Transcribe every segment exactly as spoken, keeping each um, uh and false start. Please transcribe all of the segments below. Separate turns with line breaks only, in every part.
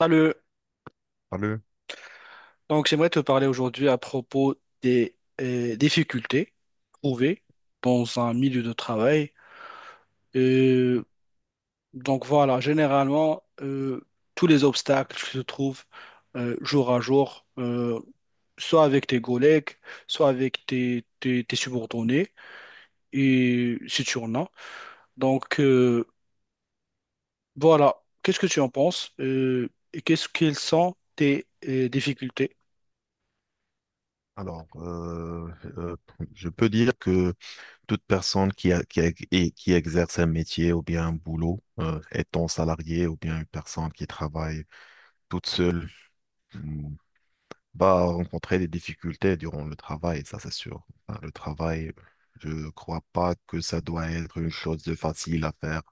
Salut.
Allô.
Donc, j'aimerais te parler aujourd'hui à propos des euh, difficultés trouvées dans un milieu de travail. Euh, donc, voilà, généralement, euh, tous les obstacles se trouvent euh, jour à jour, euh, soit avec tes collègues, soit avec tes, tes, tes subordonnés, et si tu en as. Donc, euh, voilà, qu'est-ce que tu en penses euh, et qu'est-ce qu'elles sont tes euh, difficultés?
Alors, euh, euh, je peux dire que toute personne qui, a- qui, a- et qui exerce un métier ou bien un boulot, euh, étant salarié ou bien une personne qui travaille toute seule, mm, va rencontrer des difficultés durant le travail, ça c'est sûr. Enfin, le travail, je ne crois pas que ça doit être une chose de facile à faire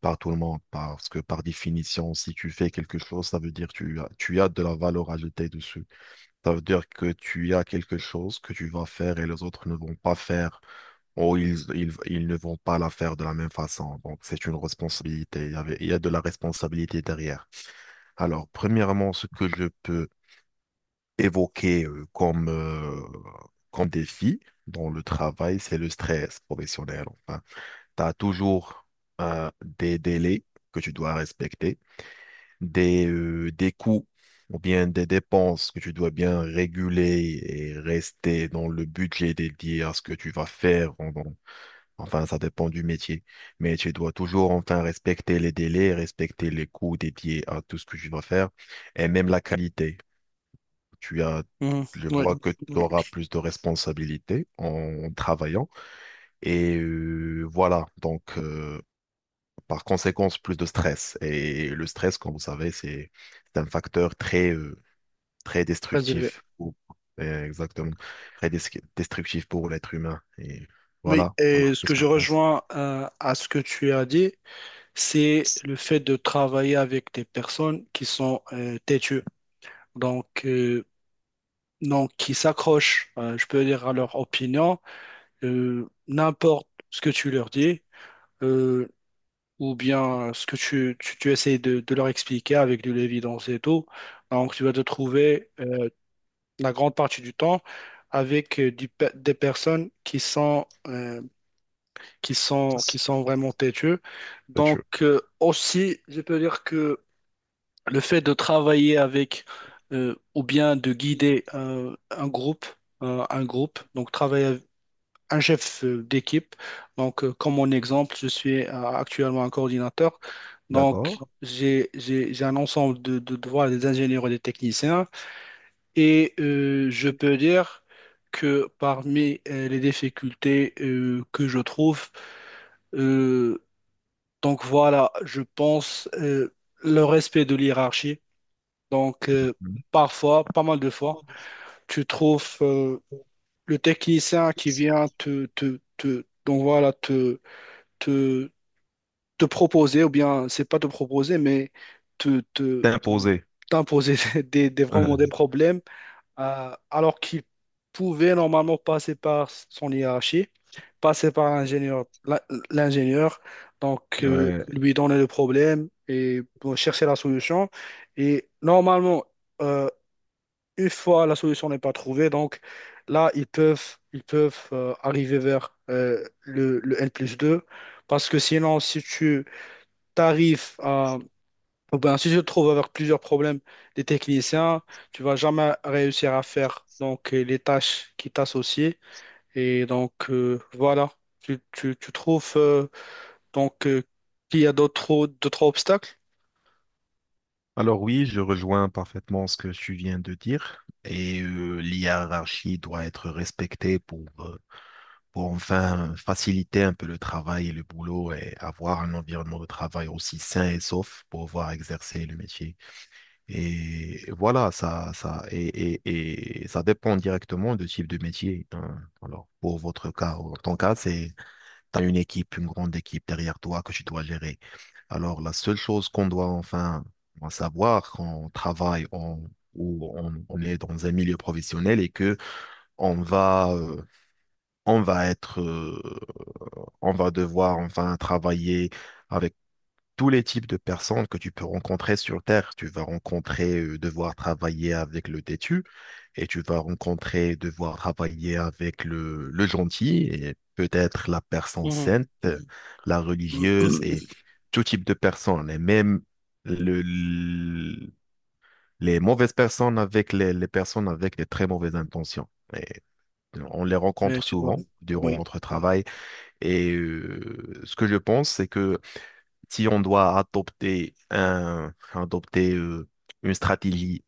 par tout le monde, parce que par définition, si tu fais quelque chose, ça veut dire que tu as, tu as de la valeur ajoutée dessus. Ça veut dire que tu as quelque chose que tu vas faire et les autres ne vont pas faire, ou ils, ils, ils ne vont pas la faire de la même façon. Donc, c'est une responsabilité. Il y avait- il y a de la responsabilité derrière. Alors, premièrement, ce que je peux évoquer euh, comme, euh, comme défi dans le travail, c'est le stress professionnel. Enfin, tu as toujours euh, des délais que tu dois respecter, des, euh, des coûts ou bien des dépenses que tu dois bien réguler et rester dans le budget dédié à ce que tu vas faire. en- en- Enfin, ça dépend du métier. Mais tu dois toujours enfin respecter les délais, respecter les coûts dédiés à tout ce que tu vas faire et même la qualité. Tu as,
Mhm.
je
Oui,
vois que tu auras plus de responsabilités en travaillant. Et euh, voilà, donc... euh, par conséquence, plus de stress. Et le stress, comme vous savez, c'est c'est un facteur très, euh, très
très élevé.
destructif. Ou- euh, Exactement. Très des- Destructif pour l'être humain. Et
Oui,
voilà. Voilà.
et ce que
Qu'est-ce que
je
vous pensez?
rejoins euh, à ce que tu as dit, c'est le fait de travailler avec des personnes qui sont euh, têtues, donc, euh, donc qui s'accrochent, euh, je peux dire, à leur opinion, euh, n'importe ce que tu leur dis. Euh, ou bien euh, ce que tu, tu, tu essayes de, de leur expliquer avec de l'évidence et tout. Donc, tu vas te trouver euh, la grande partie du temps avec euh, du pe- des personnes qui sont, euh, qui sont, qui
C'est
sont vraiment têtues. Donc,
sûr.
euh, aussi, je peux dire que le fait de travailler avec euh, ou bien de guider euh, un groupe, euh, un groupe, donc travailler un chef euh, d'équipe. Donc, euh, comme mon exemple, je suis euh, actuellement un coordinateur. Donc,
D'accord.
j'ai, j'ai, j'ai un ensemble de, de devoirs des ingénieurs et des techniciens. Et euh, je peux dire que parmi euh, les difficultés euh, que je trouve, euh, donc voilà, je pense euh, le respect de l'hiérarchie. Donc, euh,
Mhm.
parfois, pas mal de fois, tu trouves euh, le technicien qui vient te, te, te- donc voilà, te, te proposer, ou bien c'est pas te proposer, mais te, te- t'imposer des, des- vraiment des problèmes, euh, alors qu'il pouvait normalement passer par son hiérarchie, passer par l'ingénieur, l'in- l'ingénieur, donc euh, lui donner le problème et bon, chercher la solution. Et normalement, euh, une fois la solution n'est pas trouvée, donc là, ils peuvent, ils peuvent euh, arriver vers euh, le, le N plus deux parce que sinon, si tu t'arrives à... oh ben, si tu te trouves avec plusieurs problèmes des techniciens, tu vas jamais réussir à faire donc les tâches qui t'associent. Et donc, euh, voilà, tu, tu, tu trouves euh, donc euh, qu'il y a d'autres d'autres obstacles.
Alors oui, je rejoins parfaitement ce que tu viens de dire. Et euh, l'hierarchie doit être respectée pour, euh, pour enfin faciliter un peu le travail et le boulot et avoir un environnement de travail aussi sain et sauf pour pouvoir exercer le métier. Et voilà, ça, ça, et, et, et ça dépend directement du type de métier, hein. Alors, pour votre cas, ou ton cas, c'est, tu as une équipe, une grande équipe derrière toi que tu dois gérer. Alors, la seule chose qu'on doit enfin savoir quand on travaille en- ou on, on est dans un milieu professionnel et que on va, euh, on va être, euh, on va devoir enfin travailler avec tous les types de personnes que tu peux rencontrer sur Terre. Tu vas rencontrer euh, devoir travailler avec le têtu et tu vas rencontrer devoir travailler avec le, le gentil et peut-être la personne
Mhm.
sainte, euh, la religieuse et tout type de personnes. Et même le- le- les mauvaises personnes avec les, les personnes avec des très mauvaises intentions. Et on les
Mais
rencontre
tu dois.
souvent durant
Oui,
notre travail. Et euh, ce que je pense, c'est que si on doit adopter un, adopter euh, une stratégie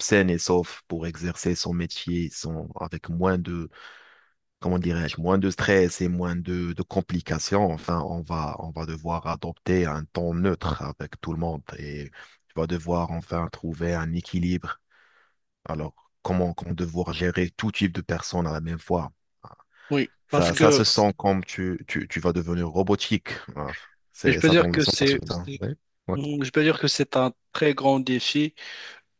saine et sauf pour exercer son métier sans, avec moins de, comment dirais-je, moins de stress et moins de, de complications, enfin, on va, on va devoir adopter un ton neutre avec tout le monde et on va devoir enfin trouver un équilibre. Alors, comment, comment devoir gérer tout type de personnes à la même fois?
oui, parce
Ça, ça
que
se sent comme tu, tu, tu vas devenir robotique. Voilà.
je
C'est
peux
ça
dire
donne la
que
sensation.
c'est,
Ça. Ouais.
je peux dire que c'est un très grand défi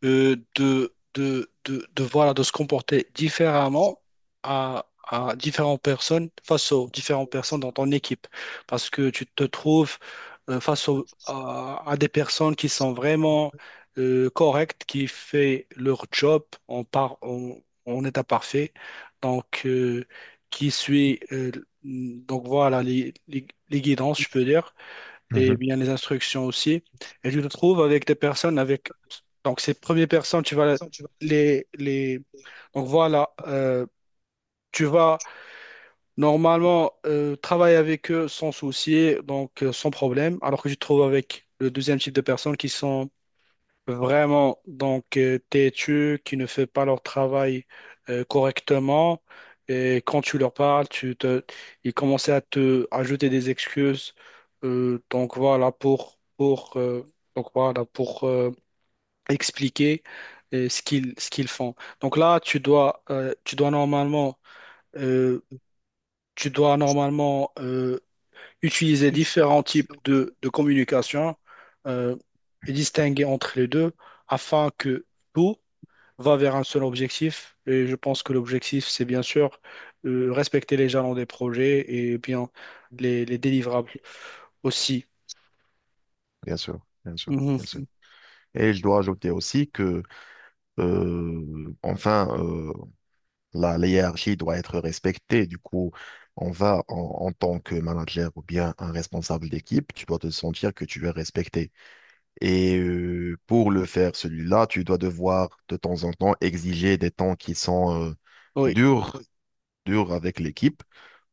euh, de, de, de, de, voilà, de se comporter différemment à, à différentes personnes, face aux différentes personnes dans ton équipe. Parce que tu te trouves euh, face au- à, à des personnes qui sont vraiment euh, correctes, qui font leur job en, par, en, en état parfait. Donc, euh, qui suit, euh, donc voilà, les, les, les guidances, je peux dire et
Ouais.
bien les instructions aussi. Et tu te trouves avec des personnes avec... Donc, ces premières personnes, tu vas les... les... Donc, voilà, euh, tu vas normalement euh, travailler avec eux sans souci, donc euh, sans problème, alors que tu te trouves avec le deuxième type de personnes qui sont vraiment, donc euh, têtu, qui ne fait pas leur travail euh, correctement. Et quand tu leur parles, tu te, ils commençaient à te ajouter des excuses. Euh, donc voilà pour pour euh, donc voilà pour euh, expliquer euh, ce qu'ils ce qu'ils font. Donc là, tu dois euh, tu dois normalement euh, tu dois normalement euh, utiliser différents types de, de communication euh, et distinguer entre les deux afin que tout va vers un seul objectif. Et je pense que l'objectif, c'est bien sûr euh, respecter les jalons des projets et bien les, les délivrables aussi.
Bien sûr, bien sûr,
Mhm.
bien sûr. Et je dois ajouter aussi que, euh, enfin, euh, la, la hiérarchie doit être respectée. Du coup, on va, en, en tant que manager ou bien un responsable d'équipe, tu dois te sentir que tu es respecté. Et euh, pour le faire, celui-là, tu dois devoir de temps en temps exiger des temps qui sont euh,
Oui,
durs, dur avec l'équipe.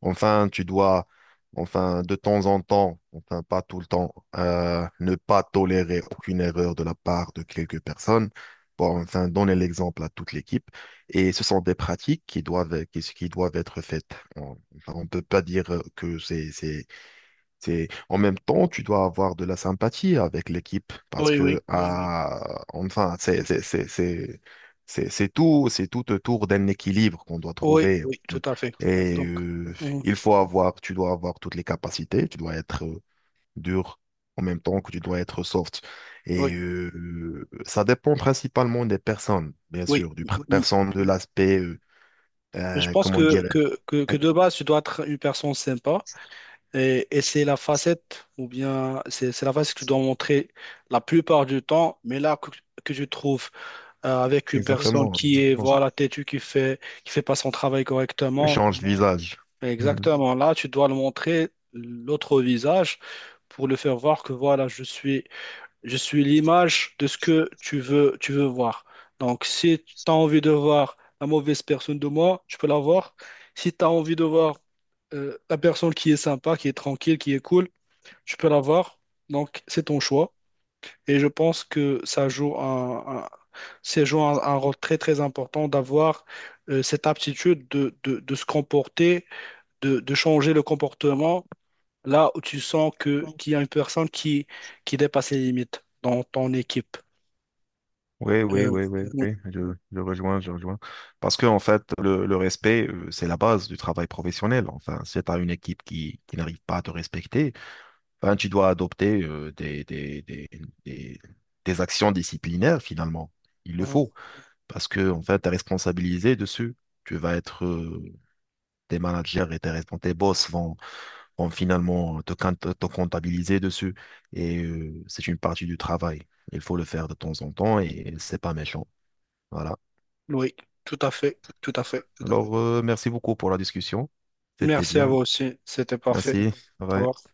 Enfin, tu dois, enfin, de temps en temps, enfin, pas tout le temps, euh, ne pas tolérer aucune erreur de la part de quelques personnes pour enfin donner l'exemple à toute l'équipe. Et ce sont des pratiques qui doivent, qui, qui doivent être faites. On, enfin, on peut pas dire que c'est, c'est c'est, en même temps, tu dois avoir de la sympathie avec l'équipe parce
oui,
que, oui,
oui,
oui, ah, enfin, c'est, c'est, c'est, c'est, c'est- c'est tout, c'est tout autour d'un équilibre qu'on doit
oui,
trouver.
oui, tout à fait.
Et
Donc,
euh,
mhm.
il faut avoir, tu dois avoir toutes les capacités, tu dois être euh, dur en même temps que tu dois être soft.
Oui,
Et euh, ça dépend principalement des personnes, bien
oui.
sûr, du pr- personne, de l'aspect, euh,
Je
euh,
pense
comment
que,
dire,
que, que, que de
qui,
base, tu dois être une personne sympa. Et, et c'est la facette, ou bien c'est c'est la facette que tu dois montrer la plupart du temps, mais là que, que je trouve euh, avec une personne
exactement,
qui est,
exactement. Qui-
voilà, têtue, qui fait, qui fait pas son travail
ouais,
correctement,
change de moi, visage.
exactement, là tu dois le montrer l'autre visage pour le faire voir que voilà, je suis, je suis l'image de ce que tu veux, tu veux voir. Donc si tu as envie de voir la mauvaise personne de moi, tu peux la voir. Si tu as envie de voir euh, la personne qui est sympa, qui est tranquille, qui est cool, tu peux l'avoir, donc c'est ton choix. Et je pense que ça joue un, un- ça joue un, un rôle très très important d'avoir euh, cette aptitude de, de- de se comporter, de, de changer le comportement là où tu sens que qu'il y a une personne qui, qui dépasse les limites dans ton équipe.
Oui, oui,
Euh,
oui, oui,
oui,
oui, je, je rejoins, je rejoins. Parce que, en fait, le, le respect, euh, c'est la base du travail professionnel. Enfin, si tu as une équipe qui, qui n'arrive pas à te respecter, ben, tu dois adopter euh, des, des, des, des, des actions disciplinaires, finalement. Il le
mhm.
faut. Parce que, en fait, tu es responsabilisé dessus. Tu vas être, euh, tes managers et tes, respons- tes boss vont, vont finalement te, quint- te comptabiliser dessus. Et euh, c'est une partie du travail. Il faut le faire de temps en temps et c'est pas méchant. Voilà.
Oui, tout à fait, tout à fait.
Alors, euh, merci beaucoup pour la discussion. C'était
Merci à
bien.
vous
C'était…
aussi, c'était parfait.
Merci. C'était…
Au revoir.
Ouais.